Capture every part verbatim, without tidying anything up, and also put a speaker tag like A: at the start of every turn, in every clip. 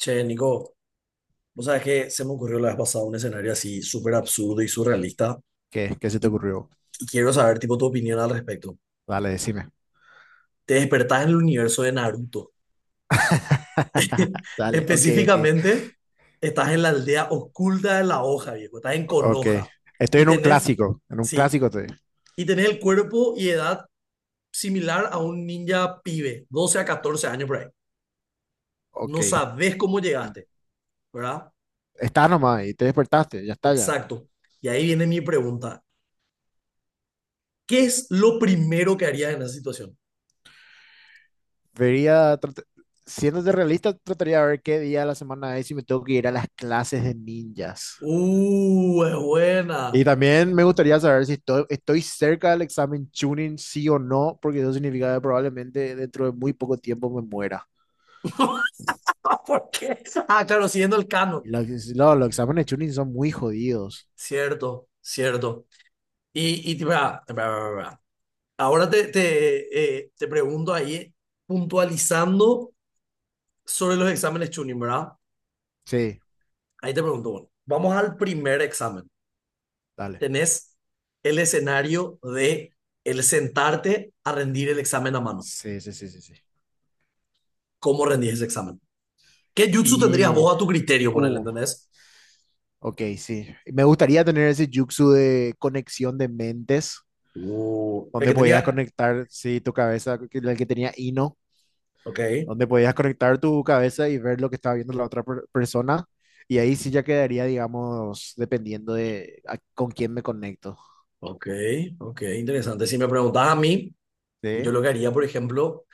A: Che, Nico, vos sabés que se me ocurrió la vez pasada un escenario así súper absurdo y surrealista
B: ¿Qué, qué se te
A: y,
B: ocurrió?
A: y quiero saber tipo tu opinión al respecto.
B: Dale, decime.
A: Te despertás en el universo de Naruto.
B: Dale, ok, ok.
A: Específicamente, estás en la aldea oculta de la hoja, viejo. Estás en
B: Ok.
A: Konoha
B: Estoy
A: y
B: en un
A: tenés,
B: clásico. En un
A: sí,
B: clásico estoy.
A: y tenés el cuerpo y edad similar a un ninja pibe, doce a catorce años por ahí.
B: Ok.
A: No sabés cómo llegaste, ¿verdad?
B: Estás nomás y te despertaste. Ya está, ya.
A: Exacto. Y ahí viene mi pregunta. ¿Qué es lo primero que harías en esa situación?
B: Vería, trat- Siéndote realista, trataría de ver qué día de la semana es y me tengo que ir a las clases de ninjas.
A: Uh, es buena.
B: Y también me gustaría saber si estoy, estoy cerca del examen Chunin, sí o no, porque eso significa que probablemente dentro de muy poco tiempo me muera.
A: ¿Por qué? Ah, claro, siguiendo el canon.
B: Y los, no, los exámenes Chunin son muy jodidos.
A: Cierto, cierto. Y, y te- va, va, va, va. Ahora te, te, eh, te pregunto ahí, puntualizando sobre los exámenes Chunin, ¿verdad?
B: Sí,
A: Ahí te pregunto, bueno, vamos al primer examen.
B: dale.
A: Tenés el escenario de el sentarte a rendir el examen a mano.
B: Sí, sí, sí, sí, sí.
A: ¿Cómo rendís ese examen? ¿Qué jutsu tendrías
B: Y,
A: vos a tu criterio, ponele,
B: uh,
A: entendés?
B: ok, sí. Me gustaría tener ese jutsu de conexión de mentes,
A: Uh, el
B: donde
A: que
B: podías
A: tenía...
B: conectar, sí, tu cabeza, que- la que tenía Ino,
A: Ok.
B: donde podías conectar tu cabeza y ver lo que estaba viendo la otra per- persona. Y ahí sí ya quedaría, digamos, dependiendo de a- con quién me conecto.
A: Ok, ok, interesante. Si me preguntas a mí, yo
B: Sí.
A: lo que haría, por ejemplo,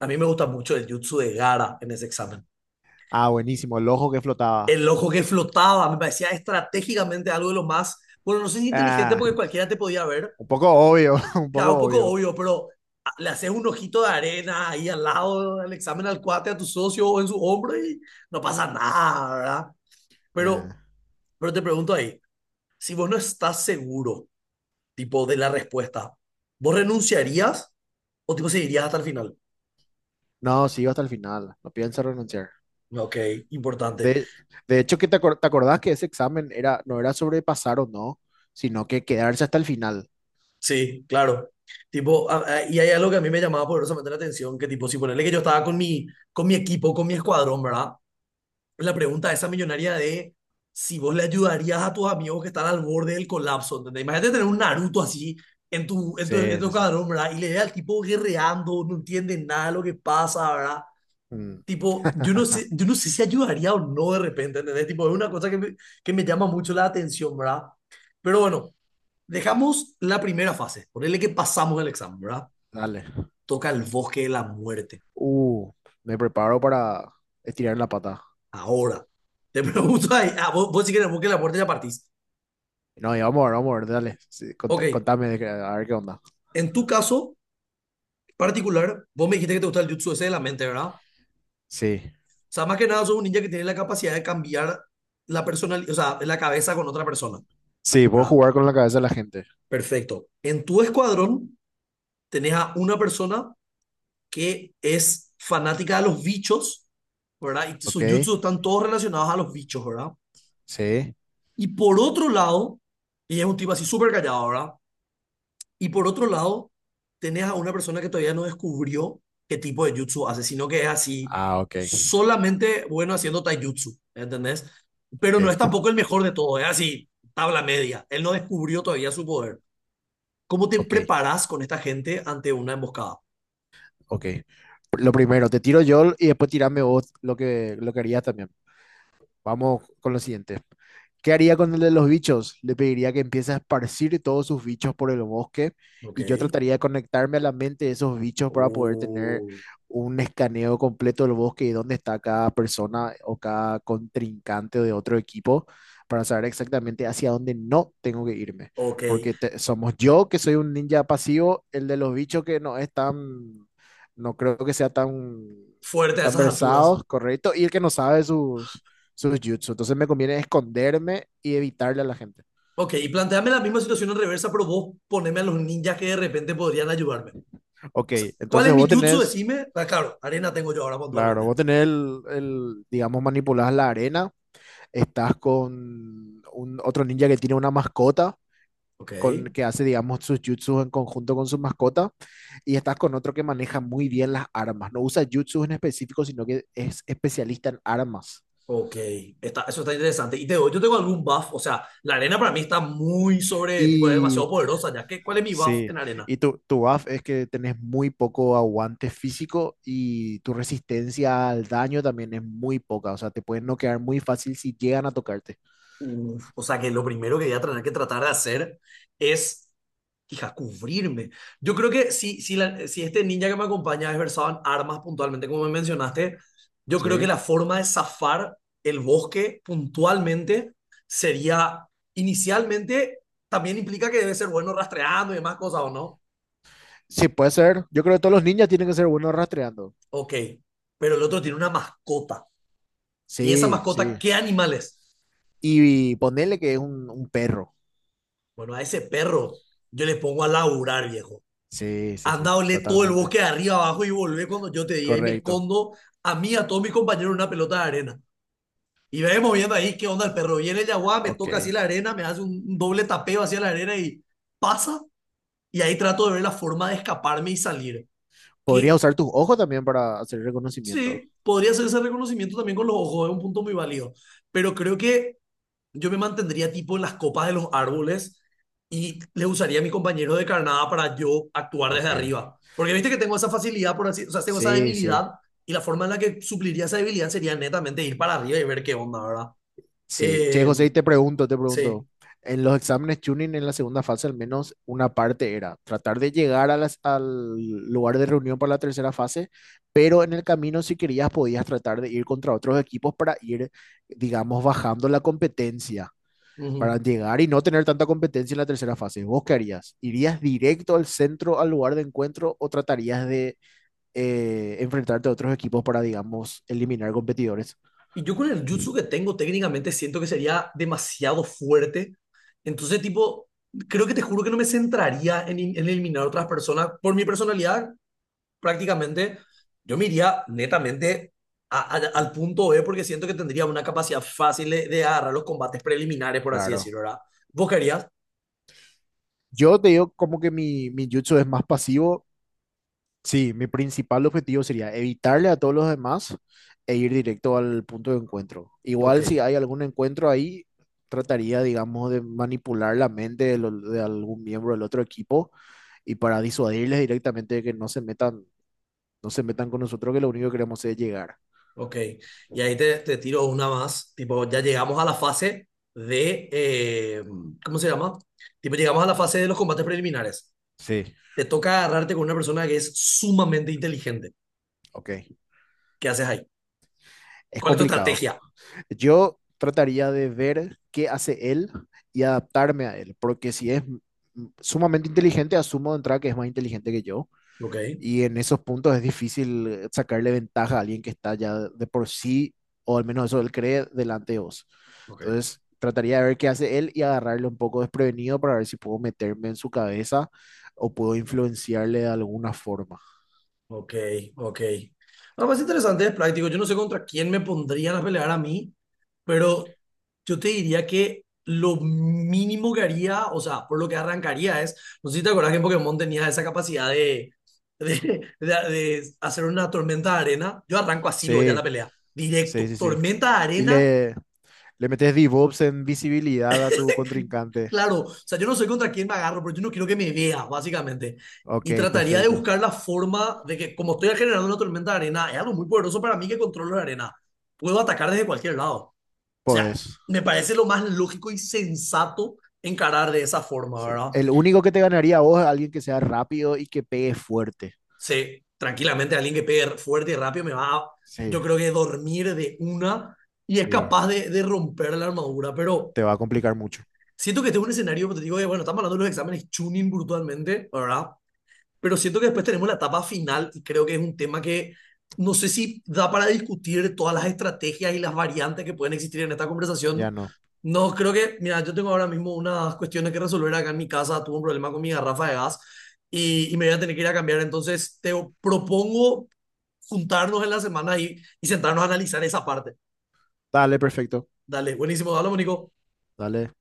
A: a mí me gusta mucho el jutsu de Gara en ese examen.
B: Ah, buenísimo, el ojo que flotaba.
A: El ojo que flotaba me parecía estratégicamente algo de lo más, bueno, no sé si inteligente
B: Ah,
A: porque cualquiera te podía ver,
B: un poco obvio, un
A: claro,
B: poco
A: un poco
B: obvio.
A: obvio, pero a- le haces un ojito de arena ahí al lado del examen al cuate, a tu socio o en su hombro y no pasa nada, ¿verdad? Pero,
B: Ah,
A: pero te pregunto ahí, si vos no estás seguro, tipo, de la respuesta, ¿vos renunciarías o tipo seguirías hasta el final?
B: no, sigo hasta el final, no pienso renunciar.
A: Ok, importante.
B: De, de hecho, que te, acor- te acordás que ese examen era, no era sobre pasar o no, sino que quedarse hasta el final.
A: Sí, claro. Tipo, a- a- y hay algo que a mí me llamaba poderosamente la atención, que tipo, si ponerle que yo estaba con mi, con mi equipo, con mi escuadrón, ¿verdad? La pregunta esa millonaria de si vos le ayudarías a tus amigos que están al borde del colapso, ¿entendés? Imagínate tener un Naruto así en tu, en tu, en
B: Sí,
A: tu
B: sí, sí.
A: escuadrón, ¿verdad? Y le ve al tipo guerreando, no entiende nada de lo que pasa, ¿verdad?
B: Mm.
A: Tipo, yo no sé, yo no sé si ayudaría o no de repente, ¿entendés? Tipo, es una cosa que me, que me llama mucho la atención, ¿verdad? Pero bueno. Dejamos la primera fase, ponele que pasamos el examen, ¿verdad?
B: Dale.
A: Toca el bosque de la muerte,
B: Uh, me preparo para estirar la pata.
A: ahora. Te pregunto ahí, ah, vos, vos sí que en el bosque de la muerte ya partís.
B: No, ya vamos a ver, vamos a ver, dale. Sí,
A: Ok,
B: contá- contame, de qué- a ver qué onda.
A: en tu caso particular, vos me dijiste que te gusta el jutsu ese de la mente, ¿verdad? O
B: Sí.
A: sea, más que nada sos un ninja que tiene la capacidad de cambiar la personalidad, o sea, la cabeza con otra persona,
B: Sí, puedo
A: ¿verdad?
B: jugar con la cabeza de la gente.
A: Perfecto. En tu escuadrón tenés a una persona que es fanática de los bichos, ¿verdad? Y sus
B: Ok.
A: jutsus están todos relacionados a los bichos, ¿verdad?
B: Sí.
A: Y por otro lado, ella es un tipo así súper callado, ¿verdad? Y por otro lado, tenés a una persona que todavía no descubrió qué tipo de jutsu hace, sino que es así,
B: Ah, ok.
A: solamente bueno haciendo taijutsu, ¿entendés? Pero no es
B: Ok.
A: tampoco el mejor de todo, es así, tabla media. Él no descubrió todavía su poder. ¿Cómo te
B: Ok.
A: preparás con esta gente ante una emboscada?
B: Ok. Lo primero, te tiro yo y después tirame vos lo que, lo que harías también. Vamos con lo siguiente. ¿Qué haría con el de los bichos? Le pediría que empiece a esparcir todos sus bichos por el bosque
A: Ok.
B: y yo trataría de conectarme a la mente de esos bichos para poder tener
A: Uh,
B: un escaneo completo del bosque y dónde está cada persona o cada contrincante de otro equipo para saber exactamente hacia dónde no tengo que irme.
A: ok.
B: Porque te- somos yo que soy un ninja pasivo, el de los bichos que no es tan, no creo que sea tan,
A: Fuerte a
B: tan
A: esas alturas.
B: versado, correcto, y el que no sabe sus sus jutsu. Entonces me conviene esconderme y evitarle a la gente.
A: Ok, y planteame la misma situación en reversa, pero vos poneme a los ninjas que de repente podrían ayudarme. O
B: Ok,
A: sea, ¿cuál
B: entonces
A: es
B: vos
A: mi jutsu?
B: tenés,
A: Decime. Ah, claro, arena tengo yo ahora
B: claro,
A: puntualmente.
B: vos tenés el, el, digamos, manipulás la arena, estás con un otro ninja que tiene una mascota.
A: Ok,
B: Con, que hace, digamos, sus jutsus en conjunto con su mascota, y estás con otro que maneja muy bien las armas. No usa jutsus en específico, sino que es especialista en armas.
A: ok. Está, eso está interesante. Y te doy, yo tengo algún buff. O sea, la arena para mí está muy sobre, tipo, es
B: Y
A: demasiado poderosa ya. ¿Que cuál es mi buff
B: Sí,
A: en arena?
B: y tu, tu buff es que tenés muy poco aguante físico y tu resistencia al daño también es muy poca, o sea, te pueden noquear muy fácil si llegan a tocarte.
A: Uf, o sea, que lo primero que voy a tener que tratar de hacer es hija, cubrirme. Yo creo que si, si, la- si este ninja que me acompaña es versado en armas puntualmente, como me mencionaste, yo creo que
B: Sí,
A: la forma de zafar el bosque puntualmente sería, inicialmente, también implica que debe ser bueno rastreando y demás cosas, ¿o no?
B: sí, puede ser. Yo creo que todos los ninjas tienen que ser buenos rastreando.
A: Ok, pero el otro tiene una mascota. ¿Y esa
B: Sí,
A: mascota
B: sí.
A: qué animal es?
B: Y, ponerle que es un, un perro.
A: Bueno, a ese perro yo le pongo a laburar, viejo.
B: Sí, sí, sí,
A: Anda, olé todo el
B: totalmente.
A: bosque de arriba abajo y volvé cuando yo te diga y me
B: Correcto.
A: escondo a mí, a todos mis compañeros, en una pelota de arena. Y vemos moviendo ahí qué onda el perro. Viene el yaguá, me
B: Ok.
A: toca así la arena, me hace un, un doble tapeo hacia la arena y pasa. Y ahí trato de ver la forma de escaparme y salir.
B: Podría
A: Que
B: usar tus ojos también para hacer reconocimiento.
A: sí, podría hacer ese reconocimiento también con los ojos, es un punto muy válido. Pero creo que yo me mantendría tipo en las copas de los árboles y le usaría a mi compañero de carnada para yo actuar desde
B: Ok.
A: arriba. Porque viste que tengo esa facilidad, por así, o sea, tengo esa
B: Sí, sí.
A: debilidad y la forma en la que supliría esa debilidad sería netamente ir para arriba y ver qué onda, ¿verdad?
B: Sí, che,
A: Eh,
B: José, y te pregunto, te pregunto,
A: sí.
B: en los exámenes tuning en la segunda fase al menos una parte era tratar de llegar a las- al lugar de reunión para la tercera fase, pero en el camino si querías podías tratar de ir contra otros equipos para ir, digamos, bajando la competencia,
A: Ujú.
B: para llegar y no tener tanta competencia en la tercera fase. ¿Vos qué harías? ¿Irías directo al centro, al lugar de encuentro o tratarías de eh, enfrentarte a otros equipos para, digamos, eliminar competidores?
A: Y yo con el jutsu que tengo técnicamente siento que sería demasiado fuerte. Entonces, tipo, creo que te juro que no me centraría en, in- en eliminar otras personas. Por mi personalidad, prácticamente, yo me iría netamente a- a-
B: Ujú.
A: al punto B porque siento que tendría una capacidad fácil de, de agarrar los combates preliminares, por así
B: Claro.
A: decirlo, ¿verdad? ¿Vos querías?
B: Yo te digo como que mi, mi jutsu es más pasivo. Sí, mi principal objetivo sería evitarle a todos los demás e ir directo al punto de encuentro.
A: Ok.
B: Igual si hay algún encuentro ahí, trataría, digamos, de manipular la mente de, lo- de algún miembro del otro equipo y para disuadirles directamente de que no se metan, no se metan con nosotros, que lo único que queremos es llegar.
A: Ok, y ahí te, te tiro una más, tipo, ya llegamos a la fase de, eh, ¿cómo se llama? Tipo, llegamos a la fase de los combates preliminares.
B: Sí.
A: Te toca agarrarte con una persona que es sumamente inteligente.
B: Ok,
A: ¿Qué haces ahí?
B: es
A: ¿Cuál es tu
B: complicado.
A: estrategia?
B: Yo trataría de ver qué hace él y adaptarme a él, porque si es m- sumamente inteligente, asumo de entrada que es más inteligente que yo,
A: Ok,
B: y en esos puntos es difícil eh, sacarle ventaja a alguien que está ya de por sí, o al menos eso él cree, delante de vos.
A: ok.
B: Entonces, trataría de ver qué hace él y agarrarle un poco desprevenido para ver si puedo meterme en su cabeza o puedo influenciarle de alguna forma.
A: Ok, ok. No, más interesante, es práctico. Yo no sé contra quién me pondrían a pelear a mí, pero yo te diría que lo mínimo que haría, o sea, por lo que arrancaría es, no sé si te acuerdas que en Pokémon tenía esa capacidad de, de, de- de hacer una tormenta de arena. Yo arranco así luego ya
B: Sí,
A: la pelea,
B: sí,
A: directo.
B: sí, sí.
A: Tormenta de
B: Y
A: arena.
B: le, le metes DevOps en visibilidad a tu contrincante.
A: Claro, o sea, yo no sé contra quién me agarro, pero yo no quiero que me veas, básicamente. Y
B: Ok,
A: trataría de
B: perfecto.
A: buscar la forma de que, como estoy generando una tormenta de arena, es algo muy poderoso para mí que controlo la arena. Puedo atacar desde cualquier lado. O sea,
B: Pues
A: me parece lo más lógico y sensato encarar de esa forma,
B: sí.
A: ¿verdad?
B: El único que te ganaría a vos es alguien que sea rápido y que pegue fuerte.
A: Sí, tranquilamente alguien que pegue fuerte y rápido me va a, yo
B: Sí,
A: creo que dormir de una y es
B: sí.
A: capaz de, de romper la armadura, pero
B: Te va a complicar mucho.
A: siento que este es un escenario, pues te digo, bueno, estamos hablando de los exámenes tuning brutalmente, ¿verdad? Pero siento que después tenemos la etapa final y creo que es un tema que no sé si da para discutir todas las estrategias y las variantes que pueden existir en esta conversación.
B: Ya no.
A: No, creo que, mira, yo tengo ahora mismo unas cuestiones que resolver acá en mi casa, tuve un problema con mi garrafa de gas y, y me voy a tener que ir a cambiar, entonces te propongo juntarnos en la semana y, y sentarnos a analizar esa parte.
B: Dale, perfecto.
A: Dale, buenísimo, dale, Mónico.
B: Dale.